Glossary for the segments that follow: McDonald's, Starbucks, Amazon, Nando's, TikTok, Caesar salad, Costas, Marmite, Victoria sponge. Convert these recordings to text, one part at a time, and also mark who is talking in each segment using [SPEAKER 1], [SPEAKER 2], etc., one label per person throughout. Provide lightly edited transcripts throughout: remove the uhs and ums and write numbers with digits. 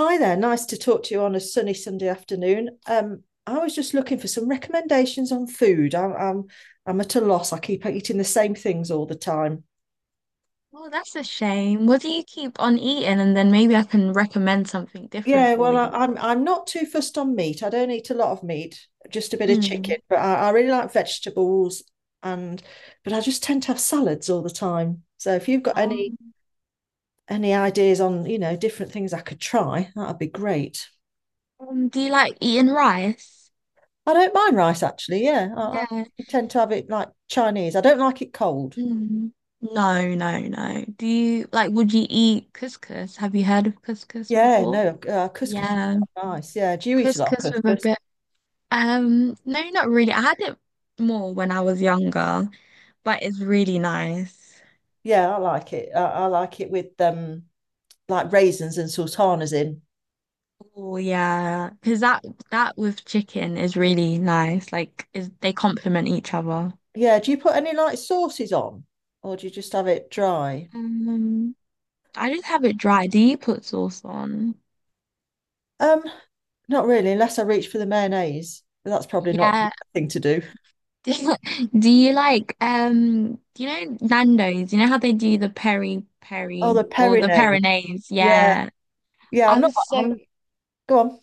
[SPEAKER 1] Hi there, nice to talk to you on a sunny Sunday afternoon. I was just looking for some recommendations on food. I'm at a loss. I keep eating the same things all the time.
[SPEAKER 2] Oh, that's a shame. What do you keep on eating? And then maybe I can recommend something different
[SPEAKER 1] Yeah,
[SPEAKER 2] for
[SPEAKER 1] well,
[SPEAKER 2] you.
[SPEAKER 1] I'm not too fussed on meat. I don't eat a lot of meat, just a bit of
[SPEAKER 2] Mm.
[SPEAKER 1] chicken. But I really like vegetables, and but I just tend to have salads all the time. So if you've got any
[SPEAKER 2] Um,
[SPEAKER 1] any ideas on different things I could try, that'd be great.
[SPEAKER 2] do you like eating rice?
[SPEAKER 1] I don't mind rice actually. Yeah,
[SPEAKER 2] Yeah.
[SPEAKER 1] I tend to have it like Chinese. I don't like it cold.
[SPEAKER 2] Mm. No, no, no. Do you like, would you eat couscous? Have you heard of couscous
[SPEAKER 1] Yeah,
[SPEAKER 2] before?
[SPEAKER 1] no, couscous is
[SPEAKER 2] Yeah,
[SPEAKER 1] quite nice. Yeah, do you eat a lot of
[SPEAKER 2] couscous with a
[SPEAKER 1] couscous?
[SPEAKER 2] bit. No, not really. I had it more when I was younger, but it's really nice.
[SPEAKER 1] Yeah, I like it. I like it with like raisins and sultanas in.
[SPEAKER 2] Oh yeah, because that with chicken is really nice. Like, is they complement each other.
[SPEAKER 1] Yeah, do you put any like sauces on, or do you just have it dry?
[SPEAKER 2] Um, I just have it dry. Do you put sauce on?
[SPEAKER 1] Um, not really, unless I reach for the mayonnaise. That's probably not the
[SPEAKER 2] Yeah.
[SPEAKER 1] thing to do.
[SPEAKER 2] Do you like um? Do you know Nando's? You know how they do the peri
[SPEAKER 1] Oh,
[SPEAKER 2] peri
[SPEAKER 1] the
[SPEAKER 2] or the
[SPEAKER 1] perinade.
[SPEAKER 2] peronaise?
[SPEAKER 1] Yeah,
[SPEAKER 2] Yeah.
[SPEAKER 1] yeah. I'm
[SPEAKER 2] I
[SPEAKER 1] not.
[SPEAKER 2] was so.
[SPEAKER 1] I'm. Go on.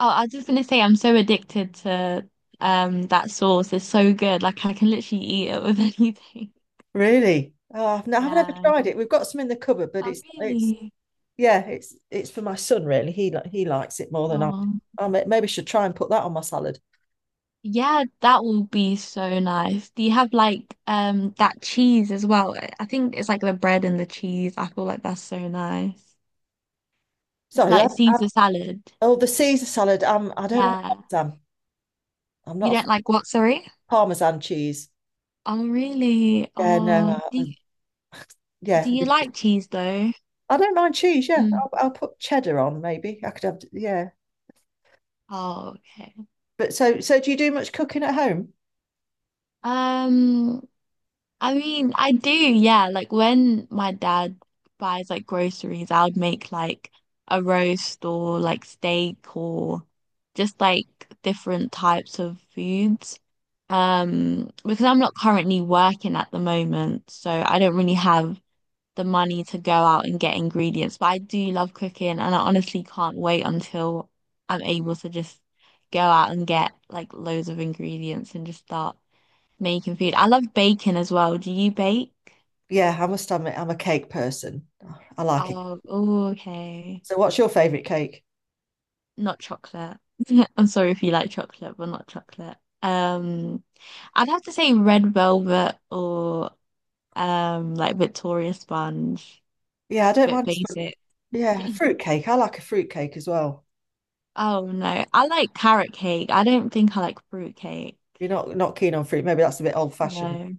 [SPEAKER 2] Oh, I was just gonna say I'm so addicted to that sauce. It's so good. Like I can literally eat it with anything.
[SPEAKER 1] Really? Oh, I haven't ever
[SPEAKER 2] Yeah.
[SPEAKER 1] tried it. We've got some in the cupboard, but
[SPEAKER 2] Oh
[SPEAKER 1] it's
[SPEAKER 2] really?
[SPEAKER 1] yeah, it's for my son really. He likes it more than I do.
[SPEAKER 2] Oh.
[SPEAKER 1] I maybe should try and put that on my salad.
[SPEAKER 2] Yeah, that will be so nice. Do you have like that cheese as well? I think it's like the bread and the cheese. I feel like that's so nice.
[SPEAKER 1] So
[SPEAKER 2] It's
[SPEAKER 1] I,
[SPEAKER 2] like
[SPEAKER 1] I,
[SPEAKER 2] Caesar salad.
[SPEAKER 1] oh, the Caesar salad. I don't like
[SPEAKER 2] Yeah.
[SPEAKER 1] parmesan. I'm not
[SPEAKER 2] You
[SPEAKER 1] a fan
[SPEAKER 2] don't
[SPEAKER 1] of
[SPEAKER 2] like what, sorry?
[SPEAKER 1] parmesan cheese.
[SPEAKER 2] Oh, really?
[SPEAKER 1] Yeah, no.
[SPEAKER 2] Oh,
[SPEAKER 1] I, yeah,
[SPEAKER 2] do you like cheese though?
[SPEAKER 1] I don't mind cheese. Yeah,
[SPEAKER 2] Mm.
[SPEAKER 1] I'll put cheddar on maybe. I could have. Yeah,
[SPEAKER 2] Oh, okay.
[SPEAKER 1] but so do you do much cooking at home?
[SPEAKER 2] Um, I mean, I do, yeah. Like when my dad buys like groceries, I would make like a roast or like steak or just like different types of foods. Because I'm not currently working at the moment, so I don't really have the money to go out and get ingredients. But I do love cooking, and I honestly can't wait until I'm able to just go out and get like loads of ingredients and just start making food. I love baking as well. Do you bake?
[SPEAKER 1] Yeah, I must admit I'm a cake person. I like it.
[SPEAKER 2] Oh, ooh, okay.
[SPEAKER 1] So what's your favorite cake?
[SPEAKER 2] Not chocolate. I'm sorry if you like chocolate, but not chocolate. Um, I'd have to say red velvet or like Victoria sponge.
[SPEAKER 1] Yeah, I don't
[SPEAKER 2] Bit
[SPEAKER 1] mind.
[SPEAKER 2] basic.
[SPEAKER 1] Yeah, a fruit cake. I like a fruit cake as well.
[SPEAKER 2] Oh no. I like carrot cake. I don't think I like fruit cake.
[SPEAKER 1] You're not keen on fruit, maybe that's a bit old fashioned.
[SPEAKER 2] No.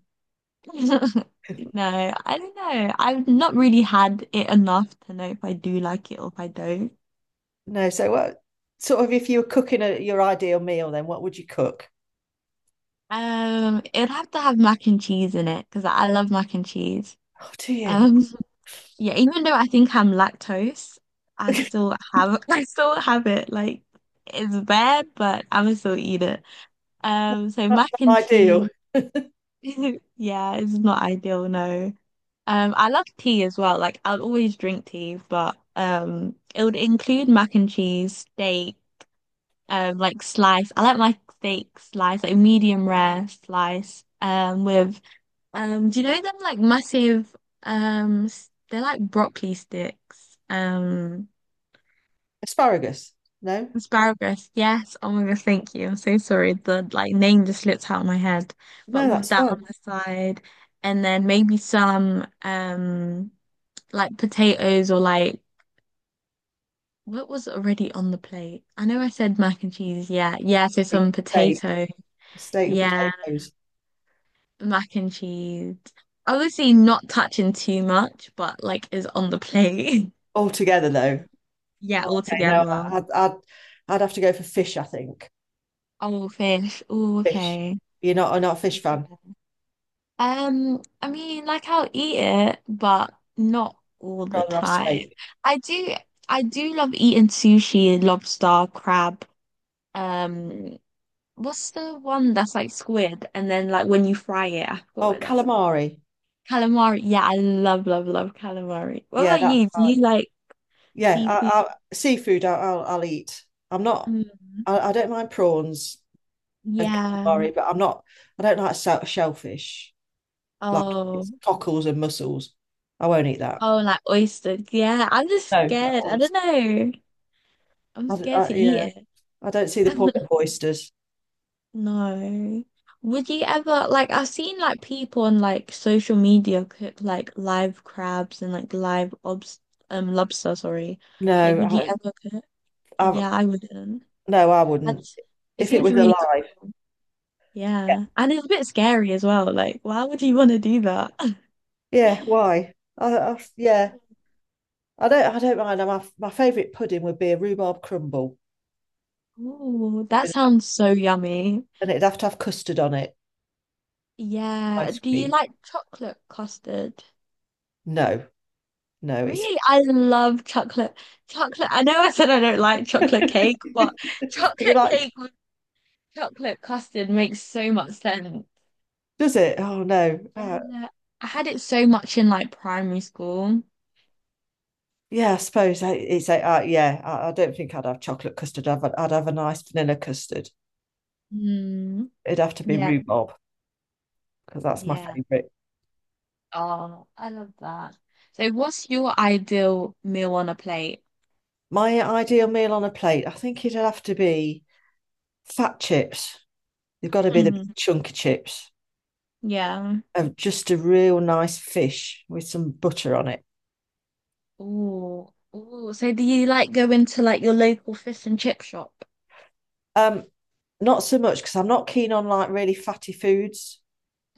[SPEAKER 2] No, I don't know. I've not really had it enough to know if I do like it or if I don't.
[SPEAKER 1] No, so what sort of if you were your ideal meal, then what would you cook?
[SPEAKER 2] It'd have to have mac and cheese in it because I love mac and cheese.
[SPEAKER 1] Oh, do you?
[SPEAKER 2] Um, yeah, even though I think I'm lactose, I still have I still have it. Like it's bad, but I would still eat it. So
[SPEAKER 1] That's
[SPEAKER 2] mac
[SPEAKER 1] not
[SPEAKER 2] and
[SPEAKER 1] ideal.
[SPEAKER 2] cheese, yeah, it's not ideal, no. I love tea as well. Like I'll always drink tea, but it would include mac and cheese, steak, like slice. I like my steak slice, like medium rare slice, with do you know them like massive they're like broccoli sticks.
[SPEAKER 1] Asparagus? No,
[SPEAKER 2] Asparagus. Yes. Oh my gosh, thank you. I'm so sorry. The like name just slipped out of my head.
[SPEAKER 1] no,
[SPEAKER 2] But with
[SPEAKER 1] that's
[SPEAKER 2] that on
[SPEAKER 1] fine.
[SPEAKER 2] the side and then maybe some like potatoes or like what was already on the plate? I know I said mac and cheese, yeah. Yeah, so some
[SPEAKER 1] Steak,
[SPEAKER 2] potato,
[SPEAKER 1] steak and
[SPEAKER 2] yeah,
[SPEAKER 1] potatoes
[SPEAKER 2] mac and cheese. Obviously not touching too much, but like is on the plate.
[SPEAKER 1] all together though.
[SPEAKER 2] Yeah, all
[SPEAKER 1] Okay, no,
[SPEAKER 2] together.
[SPEAKER 1] I'd, I'd I'd have to go for fish. I think
[SPEAKER 2] Oh, fish. Oh,
[SPEAKER 1] fish.
[SPEAKER 2] okay.
[SPEAKER 1] You're not I'm not a fish fan.
[SPEAKER 2] I mean, like I'll eat it, but not all
[SPEAKER 1] I'd
[SPEAKER 2] the
[SPEAKER 1] rather have
[SPEAKER 2] time.
[SPEAKER 1] steak.
[SPEAKER 2] I do, I do love eating sushi, lobster, crab. Um, what's the one that's like squid, and then like when you fry it, I forgot
[SPEAKER 1] Oh,
[SPEAKER 2] what that's called.
[SPEAKER 1] calamari.
[SPEAKER 2] Calamari. Yeah, I love, love, love calamari. What
[SPEAKER 1] Yeah,
[SPEAKER 2] about
[SPEAKER 1] that's
[SPEAKER 2] you? Do you
[SPEAKER 1] fine.
[SPEAKER 2] like
[SPEAKER 1] Yeah,
[SPEAKER 2] seafood?
[SPEAKER 1] seafood. I'll eat. I'm not.
[SPEAKER 2] Mm,
[SPEAKER 1] I don't mind prawns. And
[SPEAKER 2] yeah.
[SPEAKER 1] calamari, but I don't like shellfish. Like
[SPEAKER 2] Oh.
[SPEAKER 1] it's cockles and mussels. I won't eat that.
[SPEAKER 2] Oh, like oysters. Yeah, I'm just
[SPEAKER 1] No, I
[SPEAKER 2] scared. I
[SPEAKER 1] always-
[SPEAKER 2] don't know. I'm scared to
[SPEAKER 1] yeah,
[SPEAKER 2] eat
[SPEAKER 1] I don't see the point
[SPEAKER 2] it.
[SPEAKER 1] of oysters.
[SPEAKER 2] No. Would you ever like I've seen like people on like social media cook like live crabs and like live obs lobster, sorry. Like
[SPEAKER 1] No,
[SPEAKER 2] would you ever cook?
[SPEAKER 1] I,
[SPEAKER 2] Yeah, I wouldn't.
[SPEAKER 1] no, I wouldn't.
[SPEAKER 2] That's it
[SPEAKER 1] If it
[SPEAKER 2] seems
[SPEAKER 1] was
[SPEAKER 2] really
[SPEAKER 1] alive,
[SPEAKER 2] cool.
[SPEAKER 1] yeah.
[SPEAKER 2] Yeah. And it's a bit scary as well. Like, why would you want to do that?
[SPEAKER 1] Yeah, why? Yeah, I don't mind. My favourite pudding would be a rhubarb crumble,
[SPEAKER 2] Oh, that sounds so yummy.
[SPEAKER 1] and it'd have to have custard on it.
[SPEAKER 2] Yeah.
[SPEAKER 1] Ice
[SPEAKER 2] Do you
[SPEAKER 1] cream.
[SPEAKER 2] like chocolate custard?
[SPEAKER 1] No, no, it's.
[SPEAKER 2] Really? I love chocolate. Chocolate. I know I said I don't like chocolate cake, but
[SPEAKER 1] You
[SPEAKER 2] chocolate
[SPEAKER 1] like,
[SPEAKER 2] cake with chocolate custard makes so much sense.
[SPEAKER 1] does it? Oh no, oh,
[SPEAKER 2] Yeah. I had it so much in like primary school.
[SPEAKER 1] yeah, I suppose yeah. I don't think I'd have chocolate custard. I'd have a nice vanilla custard.
[SPEAKER 2] Mm,
[SPEAKER 1] It'd have to be
[SPEAKER 2] yeah.
[SPEAKER 1] rhubarb because that's my
[SPEAKER 2] Yeah.
[SPEAKER 1] favourite.
[SPEAKER 2] Oh, I love that. So what's your ideal meal on a plate?
[SPEAKER 1] My ideal meal on a plate, I think it'd have to be fat chips. They've got to be the big
[SPEAKER 2] Mm,
[SPEAKER 1] chunky chips
[SPEAKER 2] yeah.
[SPEAKER 1] of just a real nice fish with some butter on it.
[SPEAKER 2] Ooh. Ooh. So do you like go into like your local fish and chip shop?
[SPEAKER 1] Um, not so much because I'm not keen on like really fatty foods,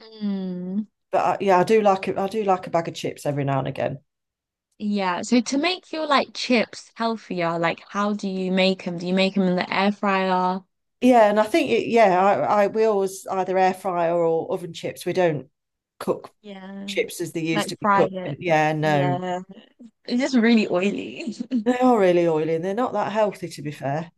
[SPEAKER 2] Mm.
[SPEAKER 1] but yeah, I do like it. I do like a bag of chips every now and again.
[SPEAKER 2] Yeah, so to make your like chips healthier, like how do you make them? Do you make them in the air fryer?
[SPEAKER 1] Yeah, and yeah, I we always either air fryer or oven chips. We don't cook
[SPEAKER 2] Yeah,
[SPEAKER 1] chips as they
[SPEAKER 2] like
[SPEAKER 1] used to be
[SPEAKER 2] fry
[SPEAKER 1] cooked. And
[SPEAKER 2] it.
[SPEAKER 1] yeah, no,
[SPEAKER 2] Yeah, it's just really oily.
[SPEAKER 1] they are really oily and they're not that healthy, to be fair.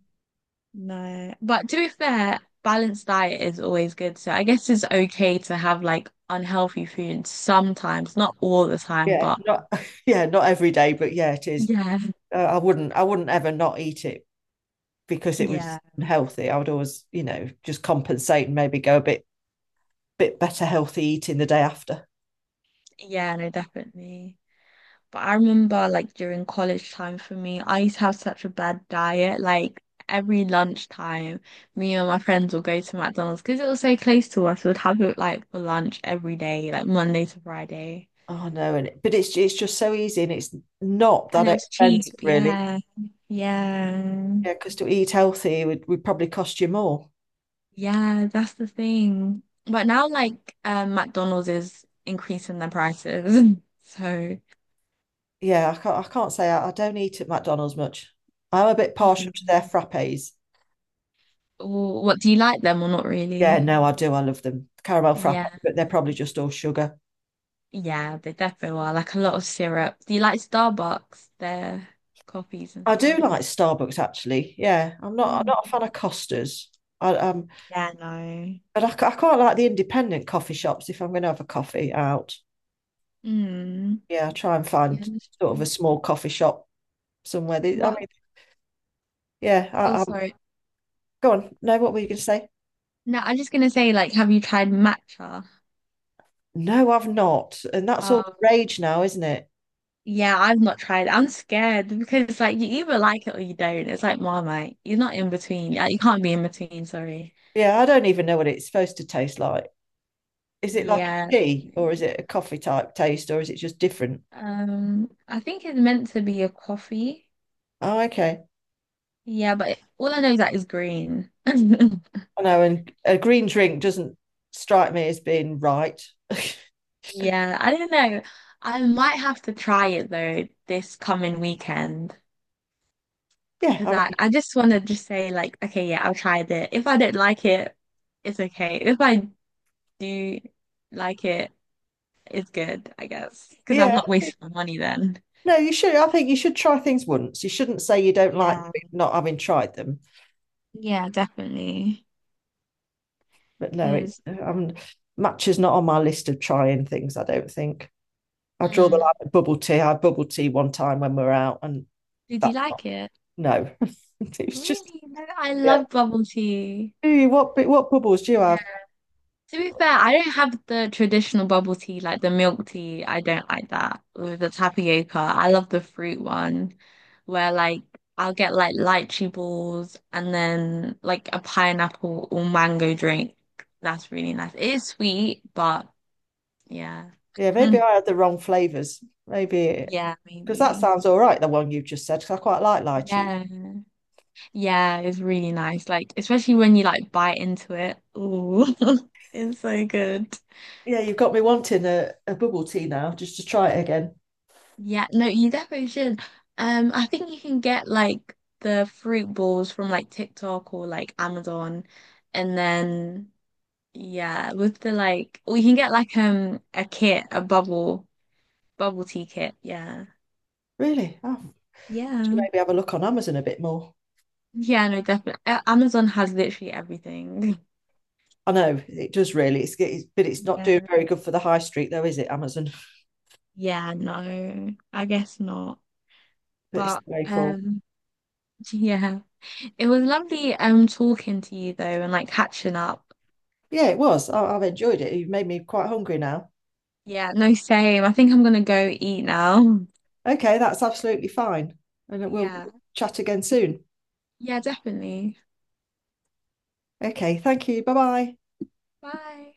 [SPEAKER 2] No. But to be fair, balanced diet is always good. So I guess it's okay to have like unhealthy food sometimes, not all the time,
[SPEAKER 1] Yeah,
[SPEAKER 2] but
[SPEAKER 1] not yeah, not every day, but yeah, it is.
[SPEAKER 2] yeah,
[SPEAKER 1] I wouldn't ever not eat it because it
[SPEAKER 2] yeah,
[SPEAKER 1] was unhealthy. I would always, you know, just compensate and maybe go a bit better healthy eating the day after.
[SPEAKER 2] yeah, no, definitely. But I remember like during college time for me, I used to have such a bad diet. Like every lunchtime, me and my friends would go to McDonald's because it was so close to us. We'd have it like for lunch every day, like Monday to Friday.
[SPEAKER 1] Oh no, and it's just so easy and it's not
[SPEAKER 2] And
[SPEAKER 1] that
[SPEAKER 2] it was
[SPEAKER 1] expensive
[SPEAKER 2] cheap.
[SPEAKER 1] really.
[SPEAKER 2] Yeah. Yeah.
[SPEAKER 1] Yeah, because to eat would probably cost you more.
[SPEAKER 2] Yeah, that's the thing. But now like McDonald's is increasing their prices. So,
[SPEAKER 1] Yeah, I can't say I don't eat at McDonald's much. I'm a bit partial to their
[SPEAKER 2] mm.
[SPEAKER 1] frappes.
[SPEAKER 2] Or what do you like them or not
[SPEAKER 1] Yeah,
[SPEAKER 2] really?
[SPEAKER 1] no, I do. I love them. Caramel frappe,
[SPEAKER 2] Yeah.
[SPEAKER 1] but they're probably just all sugar.
[SPEAKER 2] Yeah, they definitely are. Like a lot of syrup. Do you like Starbucks, their coffees and
[SPEAKER 1] I do
[SPEAKER 2] stuff?
[SPEAKER 1] like Starbucks actually. Yeah, I'm not. I'm
[SPEAKER 2] Mm.
[SPEAKER 1] not a fan of Costas. I
[SPEAKER 2] Yeah, no.
[SPEAKER 1] but I quite like the independent coffee shops if I'm going to have a coffee out.
[SPEAKER 2] Mm.
[SPEAKER 1] Yeah, I try and find
[SPEAKER 2] Yeah, that's
[SPEAKER 1] sort of a
[SPEAKER 2] true.
[SPEAKER 1] small coffee shop somewhere. I
[SPEAKER 2] What?
[SPEAKER 1] mean, yeah.
[SPEAKER 2] Oh,
[SPEAKER 1] I'm
[SPEAKER 2] sorry.
[SPEAKER 1] go on. No, what were you going to say?
[SPEAKER 2] No, I'm just gonna say, like, have you tried matcha?
[SPEAKER 1] No, I've not. And that's all
[SPEAKER 2] Um,
[SPEAKER 1] the rage now, isn't it?
[SPEAKER 2] Yeah, I've not tried it. I'm scared because it's like you either like it or you don't. It's like Marmite. You're not in between. Yeah, you can't be in between, sorry.
[SPEAKER 1] Yeah, I don't even know what it's supposed to taste like. Is it like a
[SPEAKER 2] Yeah.
[SPEAKER 1] tea or is it a coffee type taste or is it just different?
[SPEAKER 2] I think it's meant to be a coffee.
[SPEAKER 1] Oh, okay.
[SPEAKER 2] Yeah, but all I know is that it's green.
[SPEAKER 1] I know, and a green drink doesn't strike me as being right.
[SPEAKER 2] Yeah, I don't know. I might have to try it though this coming weekend
[SPEAKER 1] yeah,
[SPEAKER 2] because
[SPEAKER 1] I mean,
[SPEAKER 2] I just want to just say like, okay, yeah, I'll try it. If I don't like it, it's okay. If I do like it, it's good, I guess, because I've
[SPEAKER 1] yeah.
[SPEAKER 2] not wasted my money then.
[SPEAKER 1] No, you should. I think you should try things once. You shouldn't say you don't like
[SPEAKER 2] Yeah.
[SPEAKER 1] not having tried them.
[SPEAKER 2] Yeah, definitely.
[SPEAKER 1] But no, it
[SPEAKER 2] Because
[SPEAKER 1] matcha's not on my list of trying things. I don't think I draw the line
[SPEAKER 2] mm.
[SPEAKER 1] at bubble tea. I had bubble tea one time when we were out, and
[SPEAKER 2] Did you
[SPEAKER 1] that's not
[SPEAKER 2] like it?
[SPEAKER 1] no. it was just
[SPEAKER 2] Really? No, I
[SPEAKER 1] yeah.
[SPEAKER 2] love bubble tea.
[SPEAKER 1] Do you what? What bubbles do you have?
[SPEAKER 2] To be fair, I don't have the traditional bubble tea, like the milk tea. I don't like that with the tapioca. I love the fruit one where like I'll get like lychee balls and then like a pineapple or mango drink. That's really nice. It is sweet, but yeah.
[SPEAKER 1] Yeah,
[SPEAKER 2] Hmm.
[SPEAKER 1] maybe I had the wrong flavors. Maybe
[SPEAKER 2] Yeah,
[SPEAKER 1] because that
[SPEAKER 2] maybe.
[SPEAKER 1] sounds all right, the one you just said, because I quite like lychee.
[SPEAKER 2] Yeah. Yeah, it's really nice. Like especially when you like bite into it. Ooh, it's so good.
[SPEAKER 1] Yeah, you've got me wanting a bubble tea now just to try it again.
[SPEAKER 2] Yeah, no, you definitely should. I think you can get like the fruit balls from like TikTok or like Amazon, and then yeah, with the like, or you can get like a kit, a bubble tea kit. Yeah,
[SPEAKER 1] Really? Oh, should
[SPEAKER 2] yeah,
[SPEAKER 1] maybe have a look on Amazon a bit more.
[SPEAKER 2] yeah. No, definitely. Amazon has literally everything.
[SPEAKER 1] I know it does really. It's but it's not
[SPEAKER 2] Yeah,
[SPEAKER 1] doing very good for the high street though, is it, Amazon?
[SPEAKER 2] yeah. No, I guess not.
[SPEAKER 1] But it's
[SPEAKER 2] But
[SPEAKER 1] the way full.
[SPEAKER 2] yeah, it was lovely talking to you though, and like catching up.
[SPEAKER 1] Yeah, it was. I've enjoyed it. You've made me quite hungry now.
[SPEAKER 2] Yeah, no, same. I think I'm gonna go eat now.
[SPEAKER 1] Okay, that's absolutely fine. And we'll
[SPEAKER 2] Yeah.
[SPEAKER 1] chat again soon.
[SPEAKER 2] Yeah, definitely.
[SPEAKER 1] Okay, thank you. Bye bye.
[SPEAKER 2] Bye.